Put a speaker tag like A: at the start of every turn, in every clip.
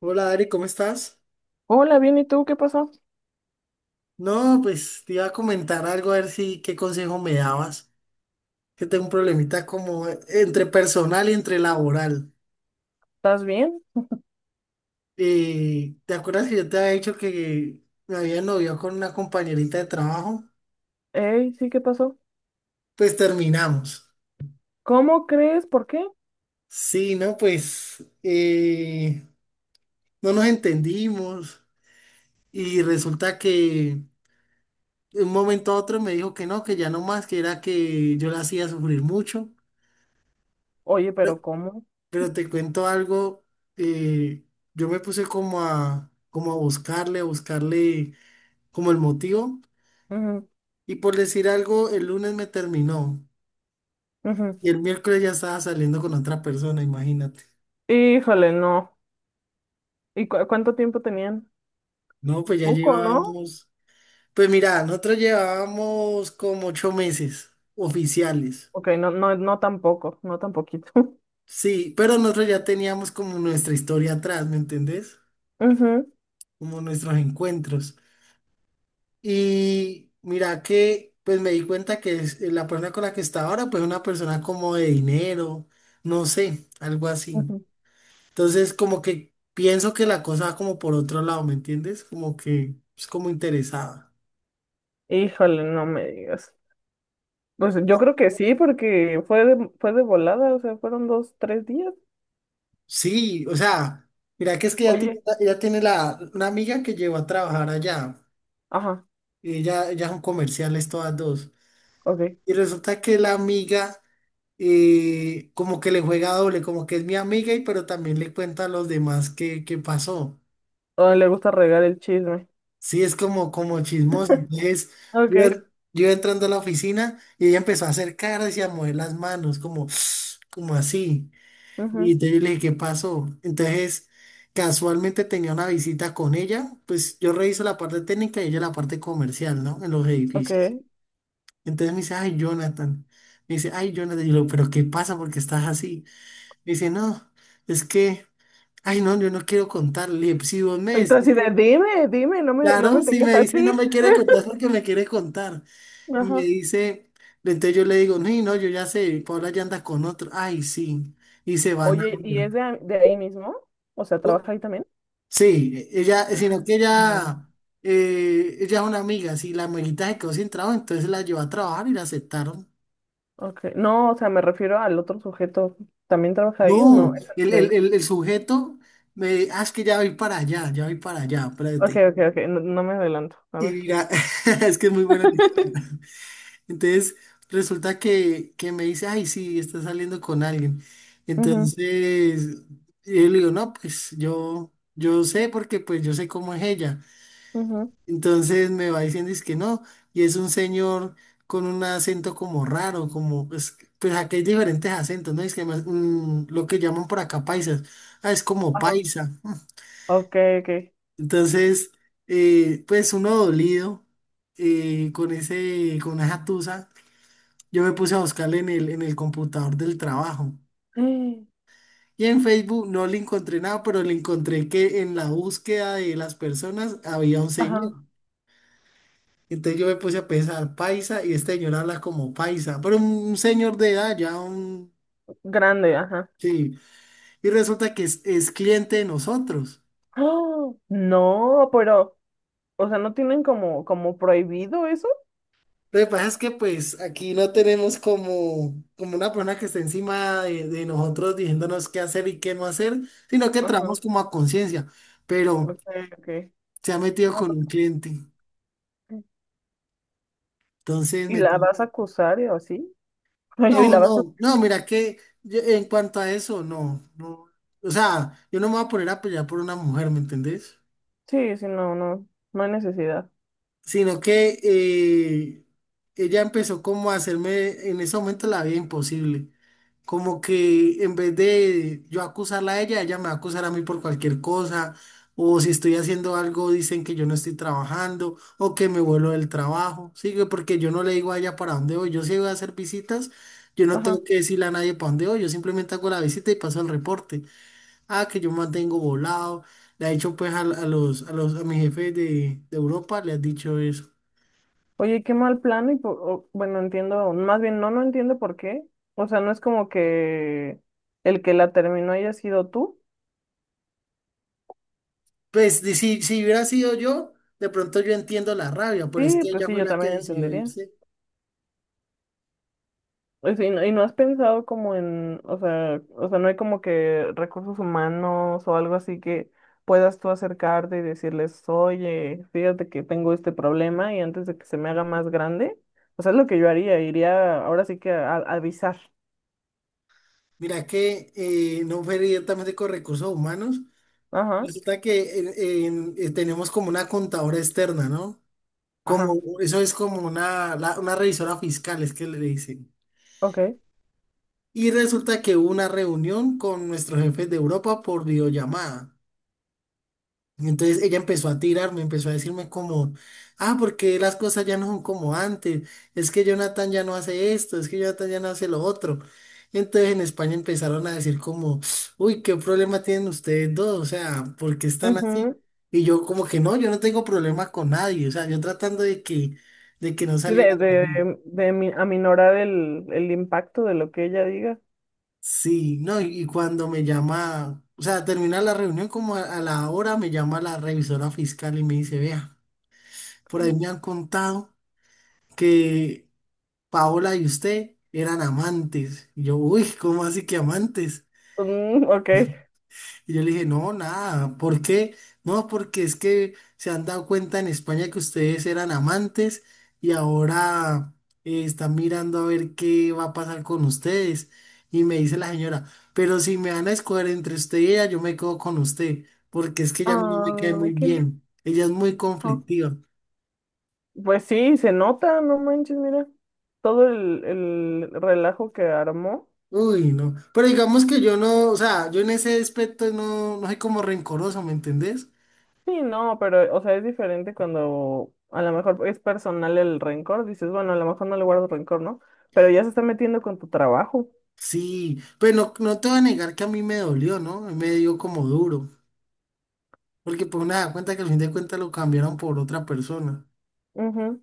A: Hola Ari, ¿cómo estás?
B: Hola, bien, ¿y tú qué pasó?
A: No, pues te iba a comentar algo a ver si qué consejo me dabas. Que tengo un problemita como entre personal y entre laboral.
B: ¿Estás bien?
A: ¿Te acuerdas que yo te había dicho que me había noviado con una compañerita de trabajo?
B: Ey, sí, ¿qué pasó?
A: Pues terminamos.
B: ¿Cómo crees? ¿Por qué?
A: Sí, no, pues no nos entendimos y resulta que de un momento a otro me dijo que no, que ya no más, que era que yo la hacía sufrir mucho.
B: Oye, pero ¿cómo?
A: Pero te cuento algo, eh, yo me puse como a buscarle como el motivo.
B: Ujú,
A: Y por decir algo, el lunes me terminó.
B: ujú.
A: Y el miércoles ya estaba saliendo con otra persona, imagínate.
B: Híjole, no. ¿Y cuánto tiempo tenían?
A: No, pues ya
B: Poco, ¿no?
A: llevábamos, pues mira, nosotros llevábamos como 8 meses oficiales.
B: Ok, no, no, no tan poco, no tan poquito.
A: Sí, pero nosotros ya teníamos como nuestra historia atrás, ¿me entendés?
B: Ujú,
A: Como nuestros encuentros. Y mira que pues me di cuenta que la persona con la que está ahora pues es una persona como de dinero, no sé, algo así.
B: ujú.
A: Entonces como que pienso que la cosa va como por otro lado, ¿me entiendes? Como que es como interesada.
B: Híjole, no me digas. Pues yo
A: No,
B: creo que sí, porque fue de volada, o sea, fueron dos, tres días.
A: sí, o sea, mira que es que ella tiene,
B: Oye,
A: ella tiene una amiga que llegó a trabajar allá.
B: ajá,
A: Ella son comerciales todas dos.
B: ok.
A: Y resulta que la amiga como que le juega doble, como que es mi amiga y pero también le cuenta a los demás qué pasó.
B: Oh, le gusta regar el chisme.
A: Sí, es como, como chismosa. Entonces, yo,
B: Ok,
A: yo entrando a la oficina y ella empezó a hacer caras y a mover las manos, como, como así. Y
B: ujú,
A: entonces yo le dije, ¿qué pasó? Entonces, casualmente tenía una visita con ella, pues yo reviso la parte técnica y ella la parte comercial, ¿no? En los edificios.
B: ok.
A: Entonces me dice, ay, Jonathan. Me dice, ay, Jonathan. Y yo, pero ¿qué pasa? ¿Por qué estás así? Me dice, no, es que, ay, no, yo no quiero contarle. Le dije, "Pues, si vos me
B: Y tú
A: decís
B: así de,
A: que,
B: dime, dime, no
A: claro,
B: me
A: si
B: tengas
A: me dice no
B: así.
A: me quiere contar, es porque me quiere contar". Me
B: Ajá.
A: dice, entonces yo le digo, no, no, yo ya sé, Paula ya anda con otro. Ay, sí. Y se van a
B: Oye,
A: ver.
B: ¿y es de ahí mismo? O sea,
A: No,
B: ¿trabaja ahí también?
A: sí, ella, sino que
B: No.
A: ella, ella es una amiga. Si la amiguita se quedó sin trabajo, entonces la llevó a trabajar y la aceptaron.
B: Okay. No, o sea, me refiero al otro sujeto. ¿También trabaja ahí o no?
A: No, el,
B: De
A: el,
B: ahí.
A: el, el sujeto me dice, ah, es que ya voy para allá, ya voy para allá,
B: Ok,
A: espérate.
B: ok, ok, no, no me adelanto. A
A: Y
B: ver.
A: mira, es que es muy buena la historia. Entonces, resulta que me dice, ay, sí, está saliendo con alguien.
B: Ujú,
A: Entonces, yo le digo, no, pues yo sé porque pues yo sé cómo es ella.
B: ujú,
A: Entonces me va diciendo es que no, y es un señor con un acento como raro, como pues, pues aquí hay diferentes acentos, ¿no? Es que más, lo que llaman por acá paisas, ah, es como
B: Ajá.
A: paisa.
B: Ok, ok.
A: Entonces, pues uno dolido con ese, con esa tusa, yo me puse a buscarle en el computador del trabajo.
B: Mm,
A: Y en Facebook no le encontré nada, pero le encontré que en la búsqueda de las personas había un
B: Ajá.
A: señor. Entonces yo me puse a pensar, paisa, y este señor habla como paisa, pero un señor de edad, ya un...
B: Grande, ajá.
A: Sí, y resulta que es cliente de nosotros.
B: ¡Ah! No, pero, o sea, ¿no tienen como, como prohibido eso?
A: Lo que pasa es que pues aquí no tenemos como, como una persona que esté encima de nosotros diciéndonos qué hacer y qué no hacer, sino que trabajamos
B: Ajá.
A: como a conciencia, pero
B: Ok, ok.
A: se ha metido
B: No,
A: con
B: pues,
A: un cliente. Entonces
B: ¿y
A: me...
B: la
A: tiene-
B: vas a acusar o así? Oye, y
A: No,
B: la vas a...
A: no, no, mira que yo- en cuanto a eso, no, no. O sea, yo no me voy a poner a pelear por una mujer, ¿me entendés?
B: Sí, sí, no, no, no hay necesidad.
A: Sino que ella empezó como a hacerme, en ese momento, la vida imposible. Como que en vez de yo acusarla a ella, ella me va a acusar a mí por cualquier cosa, o si estoy haciendo algo, dicen que yo no estoy trabajando, o que me vuelo del trabajo, ¿sí? Que porque yo no le digo a ella para dónde voy, yo sí voy a hacer visitas, yo no
B: Ajá.
A: tengo que decirle a nadie para dónde voy, yo simplemente hago la visita y paso el reporte. Ah, que yo mantengo volado. Le ha dicho pues a mis jefes de Europa, le has dicho eso.
B: Oye, qué mal plano y bueno, entiendo, más bien no, no entiendo por qué. O sea, no es como que el que la terminó haya sido tú.
A: Pues si hubiera sido yo, de pronto yo entiendo la rabia, pero es
B: Sí,
A: que
B: pues
A: ella
B: sí,
A: fue
B: yo
A: la que
B: también
A: decidió
B: entendería.
A: irse.
B: O sea, y no has pensado como en, o sea, no hay como que recursos humanos o algo así que puedas tú acercarte y decirles, oye, fíjate que tengo este problema y antes de que se me haga más grande, o sea, es lo que yo haría, iría ahora sí que a avisar.
A: Mira que no fue directamente con recursos humanos.
B: Ajá,
A: Resulta que tenemos como una contadora externa, ¿no?
B: ajá,
A: Como, eso es como una, una revisora fiscal, es que le dicen.
B: ok.
A: Y resulta que hubo una reunión con nuestros jefes de Europa por videollamada. Entonces ella empezó a tirarme, empezó a decirme como, ah, porque las cosas ya no son como antes, es que Jonathan ya no hace esto, es que Jonathan ya no hace lo otro. Entonces en España empezaron a decir como, uy, qué problema tienen ustedes dos, o sea, ¿por qué están así?
B: Ujú.
A: Y yo como que no, yo no tengo problema con nadie, o sea, yo tratando de que no
B: Sí,
A: saliera conmigo.
B: aminorar el impacto de lo que ella diga.
A: Sí, no, y cuando me llama, o sea, termina la reunión como a la hora, me llama la revisora fiscal y me dice, vea. Por ahí me han contado que Paola y usted eran amantes. Y yo, uy, ¿cómo así que amantes?
B: Mm, ok.
A: Y yo le dije, no, nada, ¿por qué? No, porque es que se han dado cuenta en España que ustedes eran amantes y ahora están mirando a ver qué va a pasar con ustedes. Y me dice la señora, pero si me van a escoger entre usted y ella, yo me quedo con usted, porque es que ella a mí no me cae muy
B: Ay, qué...
A: bien. Ella es muy
B: ajá.
A: conflictiva.
B: Pues sí, se nota, no manches, mira. Todo el relajo que armó.
A: Uy, no. Pero digamos que yo no, o sea, yo en ese aspecto no, no soy como rencoroso, ¿me entendés?
B: Sí, no, pero, o sea, es diferente cuando a lo mejor es personal el rencor. Dices, bueno, a lo mejor no le guardo rencor, ¿no? Pero ya se está metiendo con tu trabajo.
A: Sí, pero no, no te voy a negar que a mí me dolió, ¿no? Me dio como duro. Porque pues nada, cuenta que al fin de cuentas lo cambiaron por otra persona.
B: Ujú.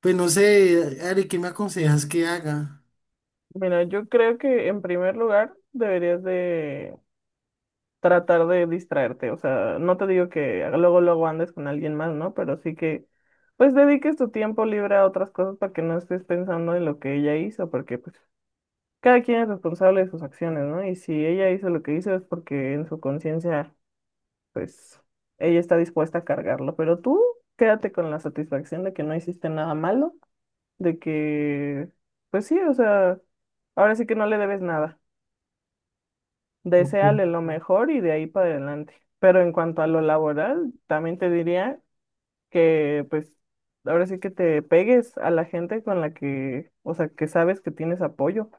A: Pues no sé, Ari, ¿qué me aconsejas que haga?
B: Mira, yo creo que en primer lugar deberías de... tratar de distraerte. O sea, no te digo que luego luego andes con alguien más, ¿no? Pero sí que pues dediques tu tiempo libre a otras cosas para que no estés pensando en lo que ella hizo, porque pues cada quien es responsable de sus acciones, ¿no? Y si ella hizo lo que hizo es porque en su conciencia, pues ella está dispuesta a cargarlo, pero tú quédate con la satisfacción de que no hiciste nada malo, de que, pues sí, o sea, ahora sí que no le debes nada.
A: Ok.
B: Deséale lo mejor y de ahí para adelante. Pero en cuanto a lo laboral, también te diría que pues ahora sí que te pegues a la gente con la que, o sea, que sabes que tienes apoyo.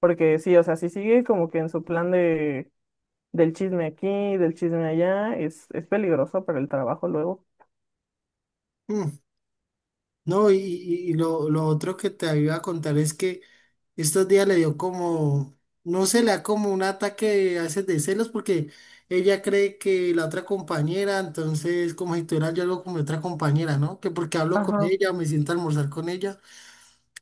B: Porque sí, o sea, si sigue como que en su plan de del chisme aquí, del chisme allá, es peligroso para el trabajo luego.
A: Mm, no, y, lo otro que te iba a contar es que estos días le dio como, no sé, le da como un ataque a veces de celos porque ella cree que la otra compañera, entonces como si tuviera yo algo con mi otra compañera, ¿no? Que porque hablo con
B: Ajá.
A: ella, me siento a almorzar con ella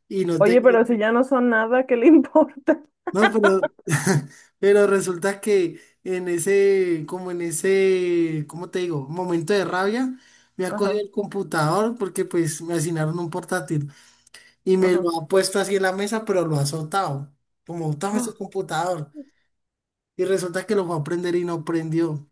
A: y no
B: Oye,
A: te...
B: pero si ya no son nada, ¿qué le importa?
A: No, pero, pero resulta que en ese, como en ese, ¿cómo te digo? Momento de rabia, me ha cogido
B: Ajá,
A: el computador porque pues me asignaron un portátil y me lo
B: ajá.
A: ha puesto así en la mesa, pero lo ha azotado. Como, toma ese computador. Y resulta que lo fue a prender y no prendió.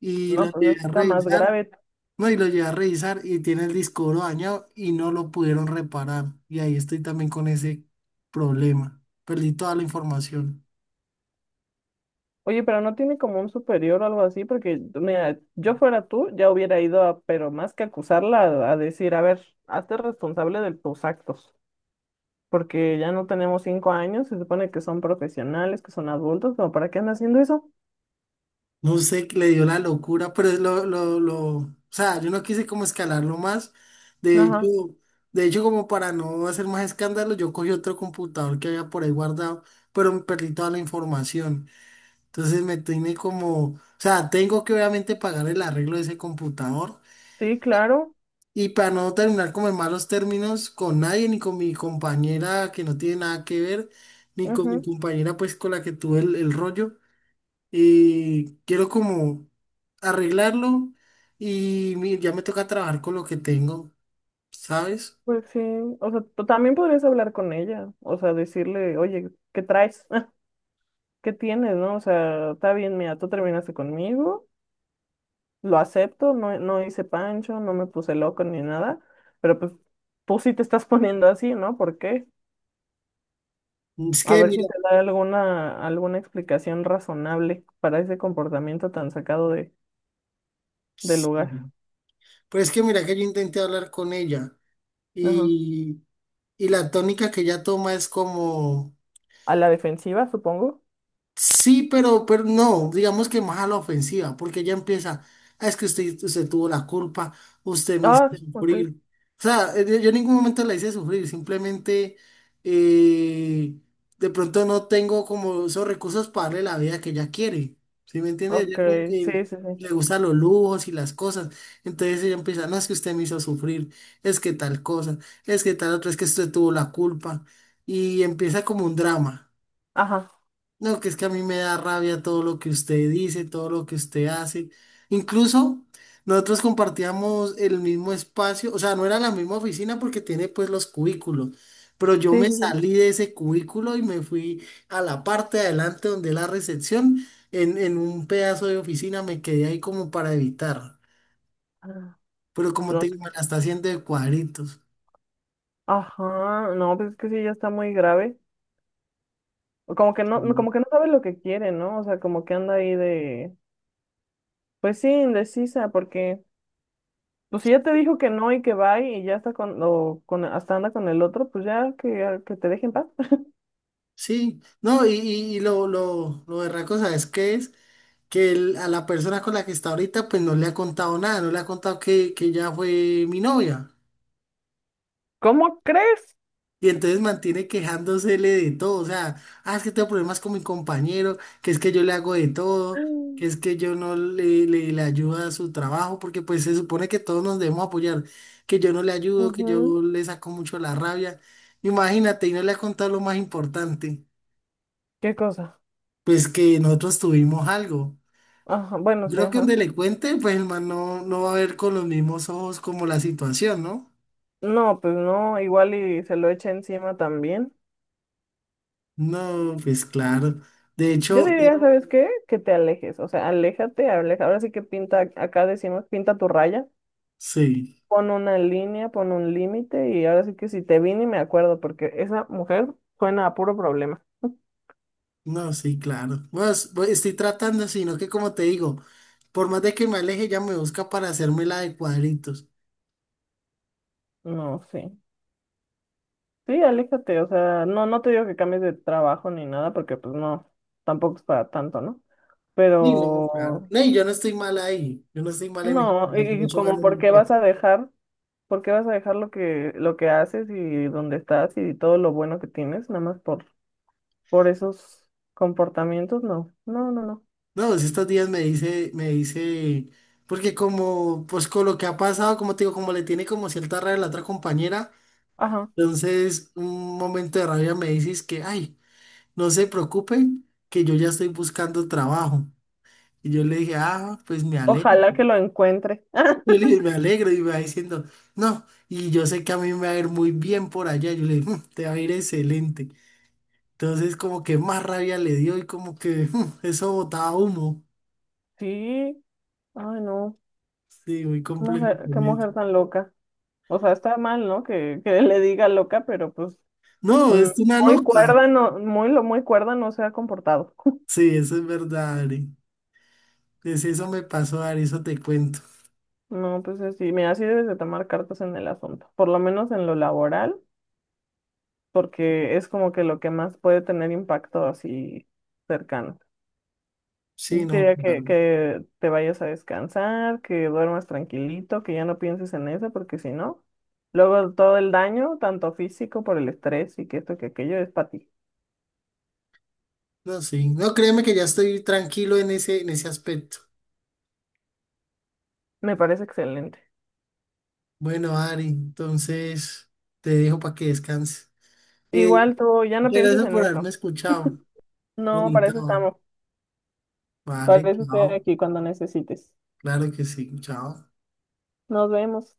A: Y lo
B: No, pues
A: llevé
B: eso
A: a
B: está más
A: revisar,
B: grave.
A: no, y lo llevé a revisar y tiene el disco duro dañado y no lo pudieron reparar. Y ahí estoy también con ese problema. Perdí toda la información.
B: Oye, pero no tiene como un superior o algo así, porque mira, yo fuera tú, ya hubiera ido a, pero más que acusarla, a decir, a ver, hazte responsable de tus actos, porque ya no tenemos 5 años, se supone que son profesionales, que son adultos, ¿como para qué andas haciendo eso?
A: No sé, qué le dio la locura, pero es lo, o sea, yo no quise como escalarlo más. De hecho,
B: Ajá,
A: de hecho, como para no hacer más escándalo, yo cogí otro computador que había por ahí guardado, pero me perdí toda la información. Entonces me tiene como, o sea, tengo que obviamente pagar el arreglo de ese computador
B: sí, claro,
A: y para no terminar como en malos términos con nadie, ni con mi compañera que no tiene nada que ver, ni con mi
B: ujú.
A: compañera pues con la que tuve el rollo, quiero como arreglarlo y ya me toca trabajar con lo que tengo, ¿sabes?
B: Pues sí, o sea, tú también podrías hablar con ella, o sea, decirle, oye, ¿qué traes? ¿Qué tienes, no? O sea, está bien, mira, tú terminaste conmigo, lo acepto, no, no hice pancho, no me puse loco ni nada, pero pues tú sí te estás poniendo así, ¿no? ¿Por qué?
A: Es
B: A
A: que
B: ver si
A: mira,
B: te da alguna, alguna explicación razonable para ese comportamiento tan sacado de, del
A: sí,
B: lugar.
A: pues es que mira que yo intenté hablar con ella
B: Ajá.
A: y, y la tónica que ella toma es como...
B: A la defensiva, supongo.
A: Sí, pero no, digamos que más a la ofensiva, porque ya empieza, "Ah, es que usted, usted tuvo la culpa, usted me hizo
B: Ah, sí. Ok,
A: sufrir". O sea, yo, yo en ningún momento la hice sufrir, simplemente eh, de pronto no tengo como esos recursos para darle la vida que ella quiere. ¿Sí me entiende?
B: ok,
A: Ella como
B: sí,
A: que
B: sí, sí.
A: le gustan los lujos y las cosas. Entonces ella empieza, no, es que usted me hizo sufrir, es que tal cosa, es que tal otra, es que usted tuvo la culpa. Y empieza como un drama.
B: Ajá,
A: No, que es que a mí me da rabia todo lo que usted dice, todo lo que usted hace. Incluso nosotros compartíamos el mismo espacio, o sea, no era la misma oficina porque tiene pues los cubículos, pero yo
B: sí,
A: me
B: sí, sí.
A: salí de ese cubículo y me fui a la parte de adelante donde la recepción, en un pedazo de oficina me quedé ahí como para evitar,
B: Ah,
A: pero como
B: no,
A: te digo, me la está haciendo de cuadritos.
B: ajá, no, pues es que sí, ya está muy grave. O como que no,
A: Mm.
B: como que no sabe lo que quiere, ¿no? O sea, como que anda ahí de, pues sí, indecisa, porque pues si ya te dijo que no y que va y ya está hasta anda con el otro, pues ya que te dejen paz.
A: Sí, no, y, lo berraco, ¿sabes qué es? Que el- a la persona con la que está ahorita pues no le ha contado nada, no le ha contado que ella fue mi novia.
B: ¿Cómo crees?
A: Y entonces mantiene quejándosele de todo, o sea, ah, es que tengo problemas con mi compañero, que es que yo le hago de todo,
B: Mm.
A: que es que yo no le ayudo a su trabajo, porque pues se supone que todos nos debemos apoyar, que yo no le ayudo, que
B: Ujú.
A: yo le saco mucho la rabia. Imagínate, y no le ha contado lo más importante,
B: ¿Qué cosa?
A: pues que nosotros tuvimos algo.
B: Ajá, bueno, sí,
A: Creo que
B: ajá.
A: donde le cuente, pues el man no, no va a ver con los mismos ojos como la situación, ¿no?
B: No, pues no, igual y se lo echa encima también.
A: No, pues claro. De
B: Yo
A: hecho,
B: diría, ¿sabes qué? Que te alejes, o sea, aléjate, aleja. Ahora sí que pinta, acá decimos, pinta tu raya,
A: sí,
B: pon una línea, pon un límite y ahora sí que si te vi ni me acuerdo porque esa mujer suena a puro problema.
A: no, sí, claro. Bueno, bueno, estoy tratando, sino que como te digo, por más de que me aleje, ya me busca para hacerme la de cuadritos.
B: No, sí. Sí, aléjate, o sea, no, no te digo que cambies de trabajo ni nada, porque pues no, tampoco es para tanto, ¿no?
A: Sí, no, claro.
B: Pero
A: No, y yo no estoy mal ahí, yo no estoy mal en el
B: no, y
A: mucho
B: como
A: gano muy
B: por qué vas
A: bien.
B: a dejar, por qué vas a dejar lo que haces y donde estás y todo lo bueno que tienes, nada más por esos comportamientos, no, no, no, no.
A: No, pues estos días me dice, porque como, pues con lo que ha pasado, como te digo, como le tiene como cierta rabia a la otra compañera.
B: Ajá.
A: Entonces, un momento de rabia me dices que, ay, no se preocupen, que yo ya estoy buscando trabajo. Y yo le dije, ah, pues me alegro.
B: Ojalá que lo encuentre.
A: Yo le dije, me alegro. Y me va diciendo, no, y yo sé que a mí me va a ir muy bien por allá. Yo le dije, "Mm, te va a ir excelente". Entonces, como que más rabia le dio y como que "Mm, eso botaba humo".
B: Sí, ay no,
A: Sí, muy complejo
B: qué
A: con eso.
B: mujer tan loca. O sea, está mal, ¿no? Que le diga loca, pero pues
A: No,
B: mm,
A: es una
B: muy
A: loca.
B: cuerda, no, muy cuerda no se ha comportado.
A: Sí, eso es verdad, Ari. Pues eso me pasó, Ari, eso te cuento.
B: No, pues así, mira, así debes de tomar cartas en el asunto, por lo menos en lo laboral, porque es como que lo que más puede tener impacto así cercano.
A: Sí,
B: Yo te
A: no,
B: diría
A: claro.
B: que te vayas a descansar, que duermas tranquilito, que ya no pienses en eso, porque si no, luego todo el daño, tanto físico por el estrés y que esto que aquello es para ti.
A: No, sí. No, créeme que ya estoy tranquilo en ese aspecto.
B: Me parece excelente.
A: Bueno, Ari, entonces te dejo para que descanses. Eh,
B: Igual tú ya no
A: muchas
B: pienses
A: gracias
B: en
A: por haberme
B: eso.
A: escuchado.
B: No, para eso
A: Bonito.
B: estamos.
A: Vale,
B: Para eso estoy
A: chao.
B: aquí cuando necesites.
A: Claro que sí, chao.
B: Nos vemos.